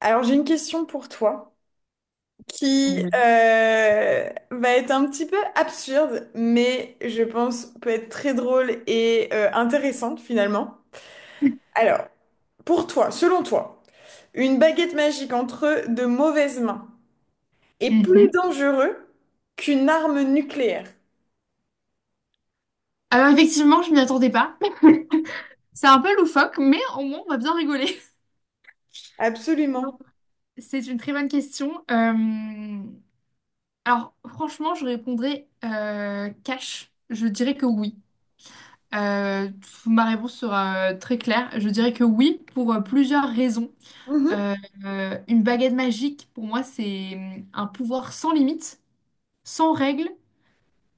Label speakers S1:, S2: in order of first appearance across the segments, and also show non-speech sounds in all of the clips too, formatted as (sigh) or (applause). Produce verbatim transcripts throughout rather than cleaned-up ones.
S1: Alors j'ai une question pour toi qui
S2: Oui.
S1: euh, va être un petit peu absurde, mais je pense peut être très drôle et euh, intéressante finalement. Alors, pour toi, selon toi, une baguette magique entre de mauvaises mains est plus
S2: Mhm.
S1: dangereux qu'une arme nucléaire.
S2: Alors effectivement, je m'y attendais pas. C'est un peu loufoque, mais au moins on va bien rigoler. (laughs) Donc,
S1: Absolument.
S2: c'est une très bonne question. Euh, Alors franchement, je répondrais euh, cash. Je dirais que oui. Euh, Ma réponse sera euh, très claire. Je dirais que oui pour euh, plusieurs raisons.
S1: Mhm.
S2: Euh, euh, une baguette magique, pour moi, c'est euh, un pouvoir sans limite, sans règles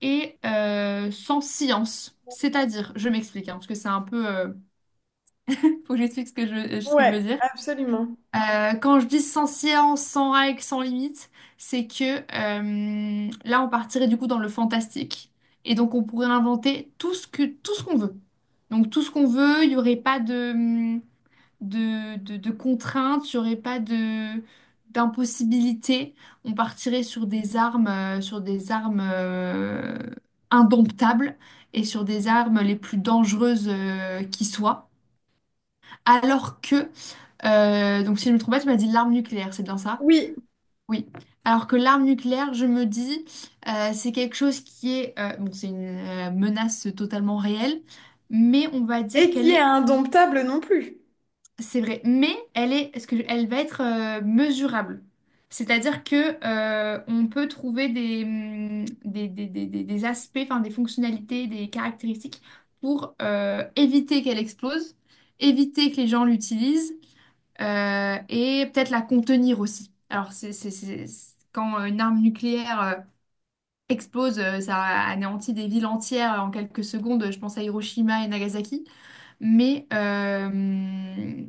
S2: et euh, sans science. C'est-à-dire, je m'explique, hein, parce que c'est un peu, euh, faut que j'explique ce que je, ce que je veux
S1: Ouais,
S2: dire.
S1: absolument.
S2: Euh, quand je dis sans science, sans règles, sans limite, c'est que euh, là, on partirait du coup dans le fantastique. Et donc, on pourrait inventer tout ce que, tout ce qu'on veut. Donc, tout ce qu'on veut, il n'y aurait pas de, de, de, de contraintes, il n'y aurait pas de, d'impossibilité. On partirait sur des armes, euh, sur des armes euh, indomptables et sur des armes les plus dangereuses euh, qui soient. Alors que euh, donc si je me trompe pas, tu m'as dit l'arme nucléaire, c'est bien ça?
S1: Oui,
S2: Oui. Alors que l'arme nucléaire, je me dis, euh, c'est quelque chose qui est, euh, bon, c'est une euh, menace totalement réelle, mais on va dire
S1: et qui
S2: qu'elle
S1: est
S2: est,
S1: indomptable non plus.
S2: c'est vrai, mais elle est, est-ce que elle va être euh, mesurable? C'est-à-dire que euh, on peut trouver des, hum, des, des, des, des- des aspects, enfin des fonctionnalités, des caractéristiques pour euh, éviter qu'elle explose, éviter que les gens l'utilisent euh, et peut-être la contenir aussi. Alors, c'est, c'est- c'est- c'est- quand une arme nucléaire euh, explose, euh, ça anéantit des villes entières en quelques secondes. Je pense à Hiroshima et Nagasaki. Mais euh,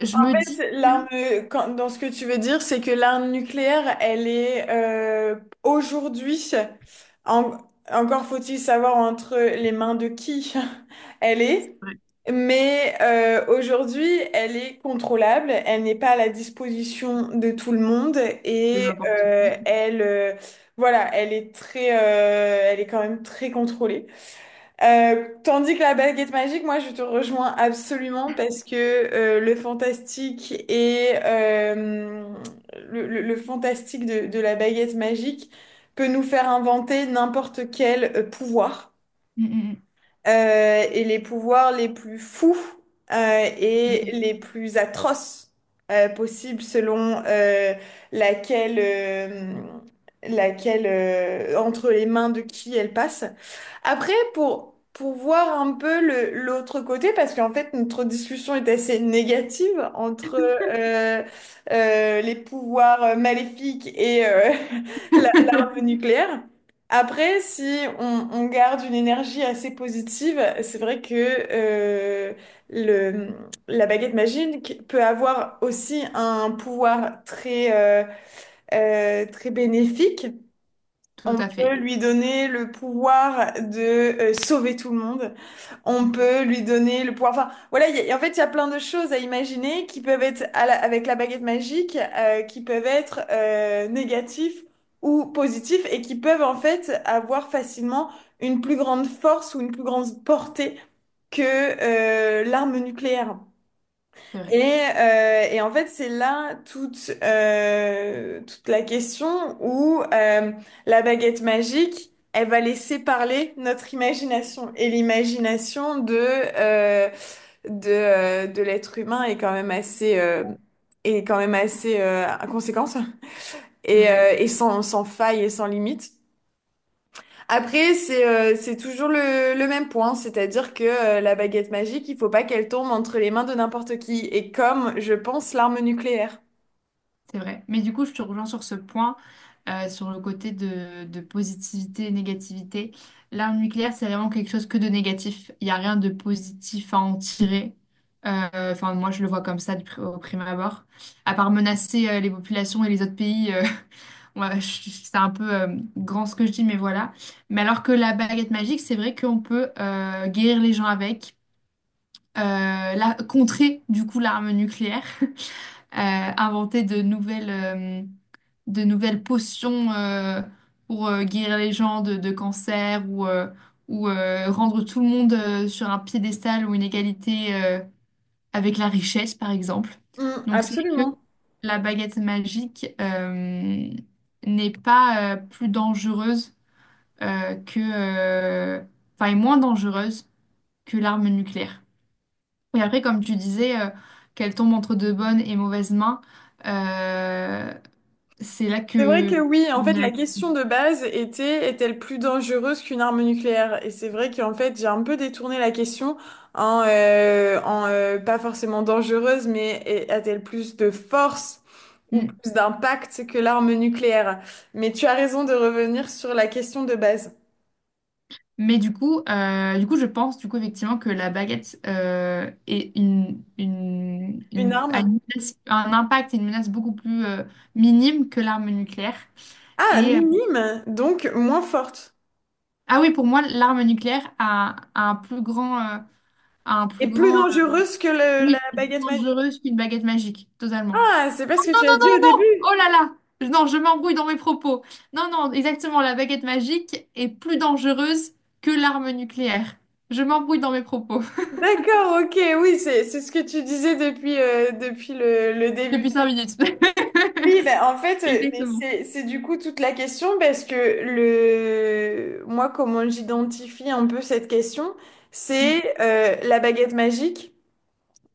S2: je me dis
S1: Fait, l'arme,
S2: que.
S1: quand- dans ce que tu veux dire, c'est que l'arme nucléaire, elle est euh, aujourd'hui, en- encore faut-il savoir entre les mains de qui (laughs) elle est,
S2: Ouais,
S1: mais euh, aujourd'hui, elle est contrôlable, elle n'est pas à la disposition de tout le monde et
S2: de n'importe
S1: euh,
S2: qui.
S1: elle, euh, voilà, elle est très, euh, elle est quand même très contrôlée. Euh, tandis que la baguette magique, moi je te rejoins absolument parce que euh, le fantastique et euh, le, le- le fantastique de, de la baguette magique peut nous faire inventer n'importe quel euh, pouvoir
S2: Mm,
S1: euh, et les pouvoirs les plus fous euh,
S2: mm,
S1: et
S2: mm.
S1: les plus atroces euh, possibles selon euh, laquelle, euh, laquelle euh, entre les mains de qui elle passe. Après, pour, pour voir un peu le, l'autre côté, parce qu'en fait, notre discussion est assez négative entre euh, euh, les pouvoirs maléfiques et euh, (laughs) la- l'arme nucléaire. Après, si on, on garde une énergie assez positive, c'est vrai que euh, le, la baguette magique peut avoir aussi un pouvoir très, euh, euh, très bénéfique.
S2: Tout
S1: On
S2: à fait.
S1: peut
S2: (laughs) Tout à fait.
S1: lui donner le pouvoir de euh, sauver tout le monde. On
S2: Mm.
S1: peut lui donner le pouvoir. Enfin, voilà, il y a- en fait, il y a plein de choses à imaginer qui peuvent être à la- avec la baguette magique, euh, qui peuvent être euh, négatifs ou positifs et qui peuvent en fait avoir facilement une plus grande force ou une plus grande portée que euh, l'arme nucléaire.
S2: C'est vrai.
S1: Et, euh, et en fait, c'est là toute, euh, toute la question où euh, la baguette magique, elle va laisser parler notre imagination. Et l'imagination de, euh, de, euh, de l'être humain est quand même assez, euh, est quand même assez euh, à
S2: C'est
S1: et, euh,
S2: vrai.
S1: et sans, sans faille et sans limite. Après, c'est euh, c'est toujours le, le même point, c'est-à-dire que euh, la baguette magique, il faut pas qu'elle tombe entre les mains de n'importe qui, et comme, je pense, l'arme nucléaire.
S2: C'est vrai. Mais du coup, je te rejoins sur ce point, euh, sur le côté de, de positivité et négativité. L'arme nucléaire, c'est vraiment quelque chose que de négatif. Il n'y a rien de positif à en tirer. Euh, Enfin, moi, je le vois comme ça du pri- au prime abord. À part menacer euh, les populations et les autres pays, euh, (laughs) ouais, je- je- c'est un peu euh, grand ce que je dis, mais voilà. Mais alors que la baguette magique, c'est vrai qu'on peut euh, guérir les gens avec, euh, la, contrer du coup l'arme nucléaire, (laughs) euh, inventer de nouvelles, euh, de nouvelles potions euh, pour euh, guérir les gens de, de cancer ou, euh, ou euh, rendre tout le monde euh, sur un piédestal ou une égalité euh, avec la richesse, par exemple.
S1: Hmm,
S2: Donc c'est vrai que
S1: absolument.
S2: la baguette magique euh, n'est pas euh, plus dangereuse euh, que, euh, enfin, est moins dangereuse que l'arme nucléaire. Et après, comme tu disais, euh, qu'elle tombe entre de bonnes et mauvaises mains, euh, c'est là
S1: C'est vrai que
S2: que.
S1: oui, en
S2: on
S1: fait, la
S2: a-
S1: question de base était, est-elle plus dangereuse qu'une arme nucléaire? Et c'est vrai qu'en fait, j'ai un peu détourné la question en, euh, en euh, pas forcément dangereuse, mais est- a-t-elle plus de force ou plus d'impact que l'arme nucléaire? Mais tu as raison de revenir sur la question de base.
S2: Mais du coup, euh, du coup, je pense du coup effectivement que la baguette euh, est une, une,
S1: Une
S2: une- a
S1: arme?
S2: une menace- un impact et une menace beaucoup plus euh, minime que l'arme nucléaire.
S1: Ah,
S2: Et euh,
S1: minime, donc moins forte
S2: ah oui, pour moi, l'arme nucléaire a, a un plus grand, euh, a un plus
S1: et plus
S2: grand, euh,
S1: dangereuse que le- la
S2: oui, est plus
S1: baguette magique.
S2: dangereuse qu'une baguette magique, totalement.
S1: Ah, c'est pas ce que
S2: Non,
S1: tu
S2: non,
S1: as
S2: non,
S1: dit au
S2: non, non!
S1: début.
S2: Oh là là! Non, je m'embrouille dans mes propos. Non, non, exactement, la baguette magique est plus dangereuse que l'arme nucléaire. Je m'embrouille dans mes propos.
S1: D'accord, ok, oui, c'est c'est ce que tu disais depuis, euh, depuis le, le
S2: Depuis
S1: début.
S2: cinq minutes.
S1: Oui, ben
S2: (laughs)
S1: en fait, euh, mais
S2: Exactement.
S1: c'est c'est du coup toute la question parce que le moi comment j'identifie un peu cette question,
S2: Mm,
S1: c'est euh, la baguette magique.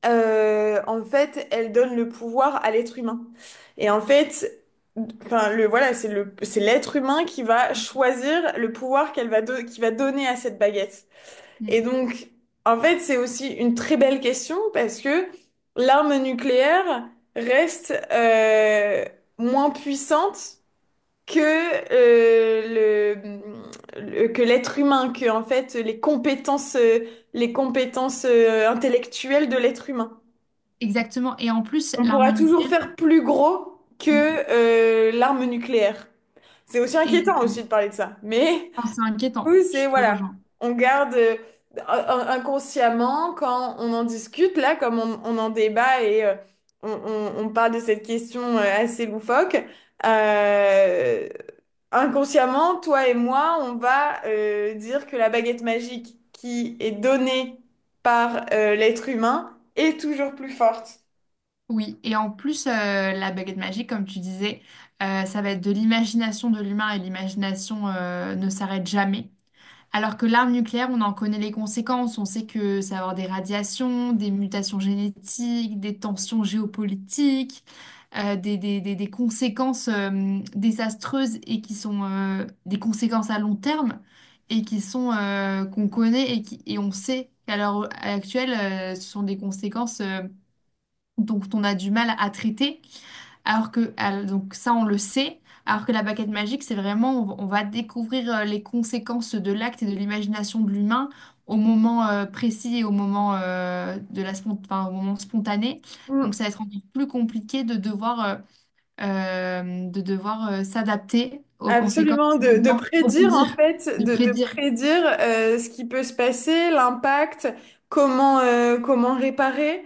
S1: Euh, en fait, elle donne le pouvoir à l'être humain. Et en fait, enfin, le, voilà, c'est le, c'est l'être humain qui va choisir le pouvoir qu'elle va, do- qu'il va donner à cette baguette.
S2: mm.
S1: Et donc, en fait, c'est aussi une très belle question parce que l'arme nucléaire reste euh, moins puissante que euh, le, le- que l'être humain, que en fait les compétences, euh, les compétences euh, intellectuelles de l'être humain.
S2: Exactement. Et en plus,
S1: On
S2: l'arme
S1: pourra toujours
S2: nucléaire,
S1: faire plus gros que
S2: mm,
S1: euh, l'arme nucléaire. C'est aussi inquiétant
S2: et-
S1: aussi de parler de ça. Mais
S2: enfin, c'est inquiétant.
S1: oui, c'est
S2: Je te
S1: voilà.
S2: rejoins.
S1: On garde euh, in- inconsciemment quand on en discute, là, comme on, on en débat et euh, on, on- on parle de cette question euh, assez loufoque. Euh, inconsciemment, toi et moi, on va euh, dire que la baguette magique qui est donnée par euh, l'être humain est toujours plus forte.
S2: Oui. Et en plus, euh, la baguette magique, comme tu disais, euh, ça va être de l'imagination de l'humain et l'imagination euh, ne s'arrête jamais. Alors que l'arme nucléaire, on en connaît les conséquences. On sait que ça va avoir des radiations, des mutations génétiques, des tensions géopolitiques, euh, des, des- des- des conséquences euh, désastreuses et qui sont euh, des conséquences à long terme et qui sont euh, qu'on connaît et, qui, et on sait qu'à l'heure actuelle, euh, ce sont des conséquences euh, dont on a du mal à traiter. Alors que, al- donc ça, on le sait, alors que la baguette magique, c'est vraiment, on, va on va découvrir euh, les conséquences de l'acte et de l'imagination de l'humain au moment euh, précis et au moment, euh, de la spon- enfin, au moment spontané. Donc ça va être encore plus compliqué de devoir, euh, euh, de devoir euh, s'adapter aux conséquences,
S1: Absolument,
S2: de
S1: de, de
S2: devoir
S1: prédire en
S2: rebondir,
S1: fait,
S2: de
S1: de, de
S2: prédire.
S1: prédire euh, ce qui peut se passer, l'impact, comment, euh, comment réparer,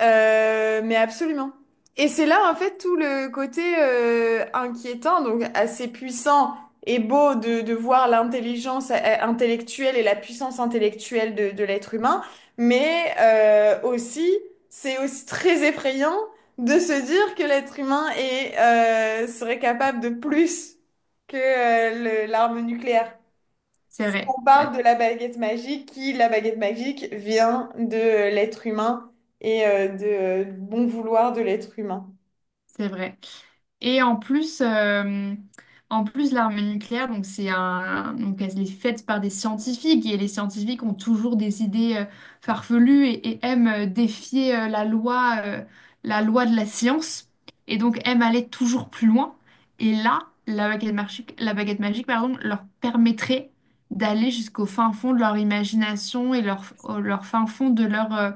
S1: euh, mais absolument. Et c'est là en fait tout le côté euh, inquiétant, donc assez puissant et beau de, de voir l'intelligence euh, intellectuelle et la puissance intellectuelle de, de l'être humain, mais euh, aussi, c'est aussi très effrayant de se dire que l'être humain est, euh, serait capable de plus que euh, le- l'arme nucléaire.
S2: C'est
S1: Si
S2: vrai,
S1: on
S2: ouais,
S1: parle de la baguette magique, qui, la baguette magique, vient de euh, l'être humain et euh, de, euh, bon vouloir de l'être humain.
S2: c'est vrai. Et en plus, euh, en plus l'arme nucléaire, donc c'est un, donc elle est faite par des scientifiques et les scientifiques ont toujours des idées euh, farfelues et, et aiment euh, défier euh, la loi, euh, la loi de la science et donc aiment aller toujours plus loin. Et là, la baguette magique, la baguette magique, pardon, leur permettrait d'aller jusqu'au fin fond de leur imagination et leur, au- leur fin fond de leur euh,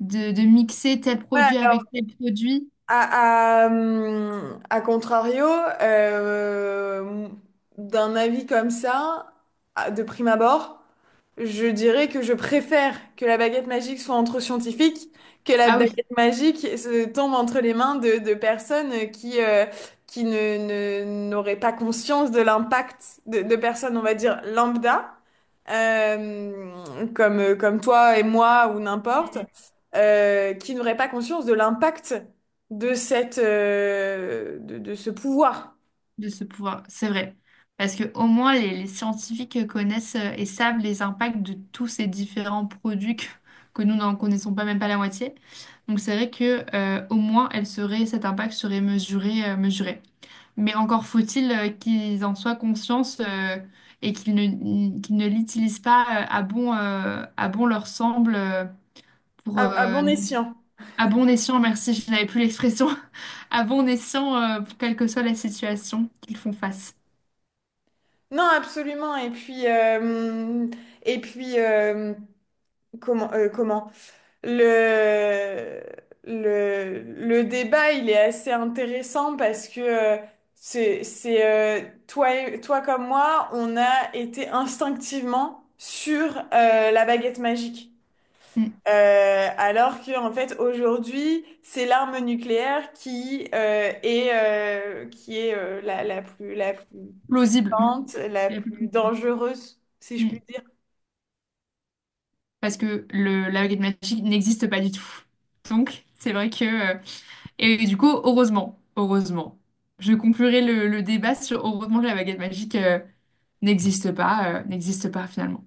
S2: de, de mixer tel
S1: Ouais.
S2: produit
S1: Alors,
S2: avec tel produit.
S1: À, à, hum, à contrario, euh, d'un avis comme ça, à- de prime abord, je dirais que je préfère que la baguette magique soit entre scientifiques, que la
S2: Ah oui.
S1: baguette magique euh, se tombe entre les mains de, de personnes qui, euh, qui ne, ne- n'auraient pas conscience de l'impact de, de personnes, on va dire, lambda euh, comme, euh, comme toi et moi ou n'importe, euh, qui n'auraient pas conscience de l'impact de cette, euh, de, de ce pouvoir
S2: De ce pouvoir. C'est vrai. Parce que au moins, les, les scientifiques connaissent euh, et savent les impacts de tous ces différents produits que, que nous n'en connaissons pas même pas la moitié. Donc c'est vrai que euh, au moins, elle serait, cet impact serait mesuré, euh, mesuré. Mais encore faut-il euh, qu'ils en soient conscients euh, et qu'ils ne, qu'ils ne l'utilisent pas euh, à bon, euh, à bon leur semble euh, pour
S1: à, à
S2: euh,
S1: bon escient.
S2: à bon escient, merci, je n'avais plus l'expression, (laughs) à bon escient euh, pour quelle que soit la situation qu'ils font face.
S1: Non, absolument. Et puis, euh, et puis euh, comment, euh, comment? Le, le, le débat, il est assez intéressant parce que euh, c'est, c'est, euh, toi, et- toi comme moi, on a été instinctivement sur euh, la baguette magique.
S2: Mm.
S1: Euh, alors que en fait aujourd'hui c'est l'arme nucléaire qui euh, est euh, qui est euh, la, la plus la plus
S2: Plausible.
S1: puissante la
S2: La plus
S1: plus
S2: plausible.
S1: dangereuse si je puis
S2: Mm.
S1: dire
S2: Parce que le, la baguette magique n'existe pas du tout. Donc, c'est vrai que, euh, et du coup, heureusement, heureusement, je conclurai le, le débat sur heureusement que la baguette magique euh, n'existe pas, euh, n'existe pas finalement.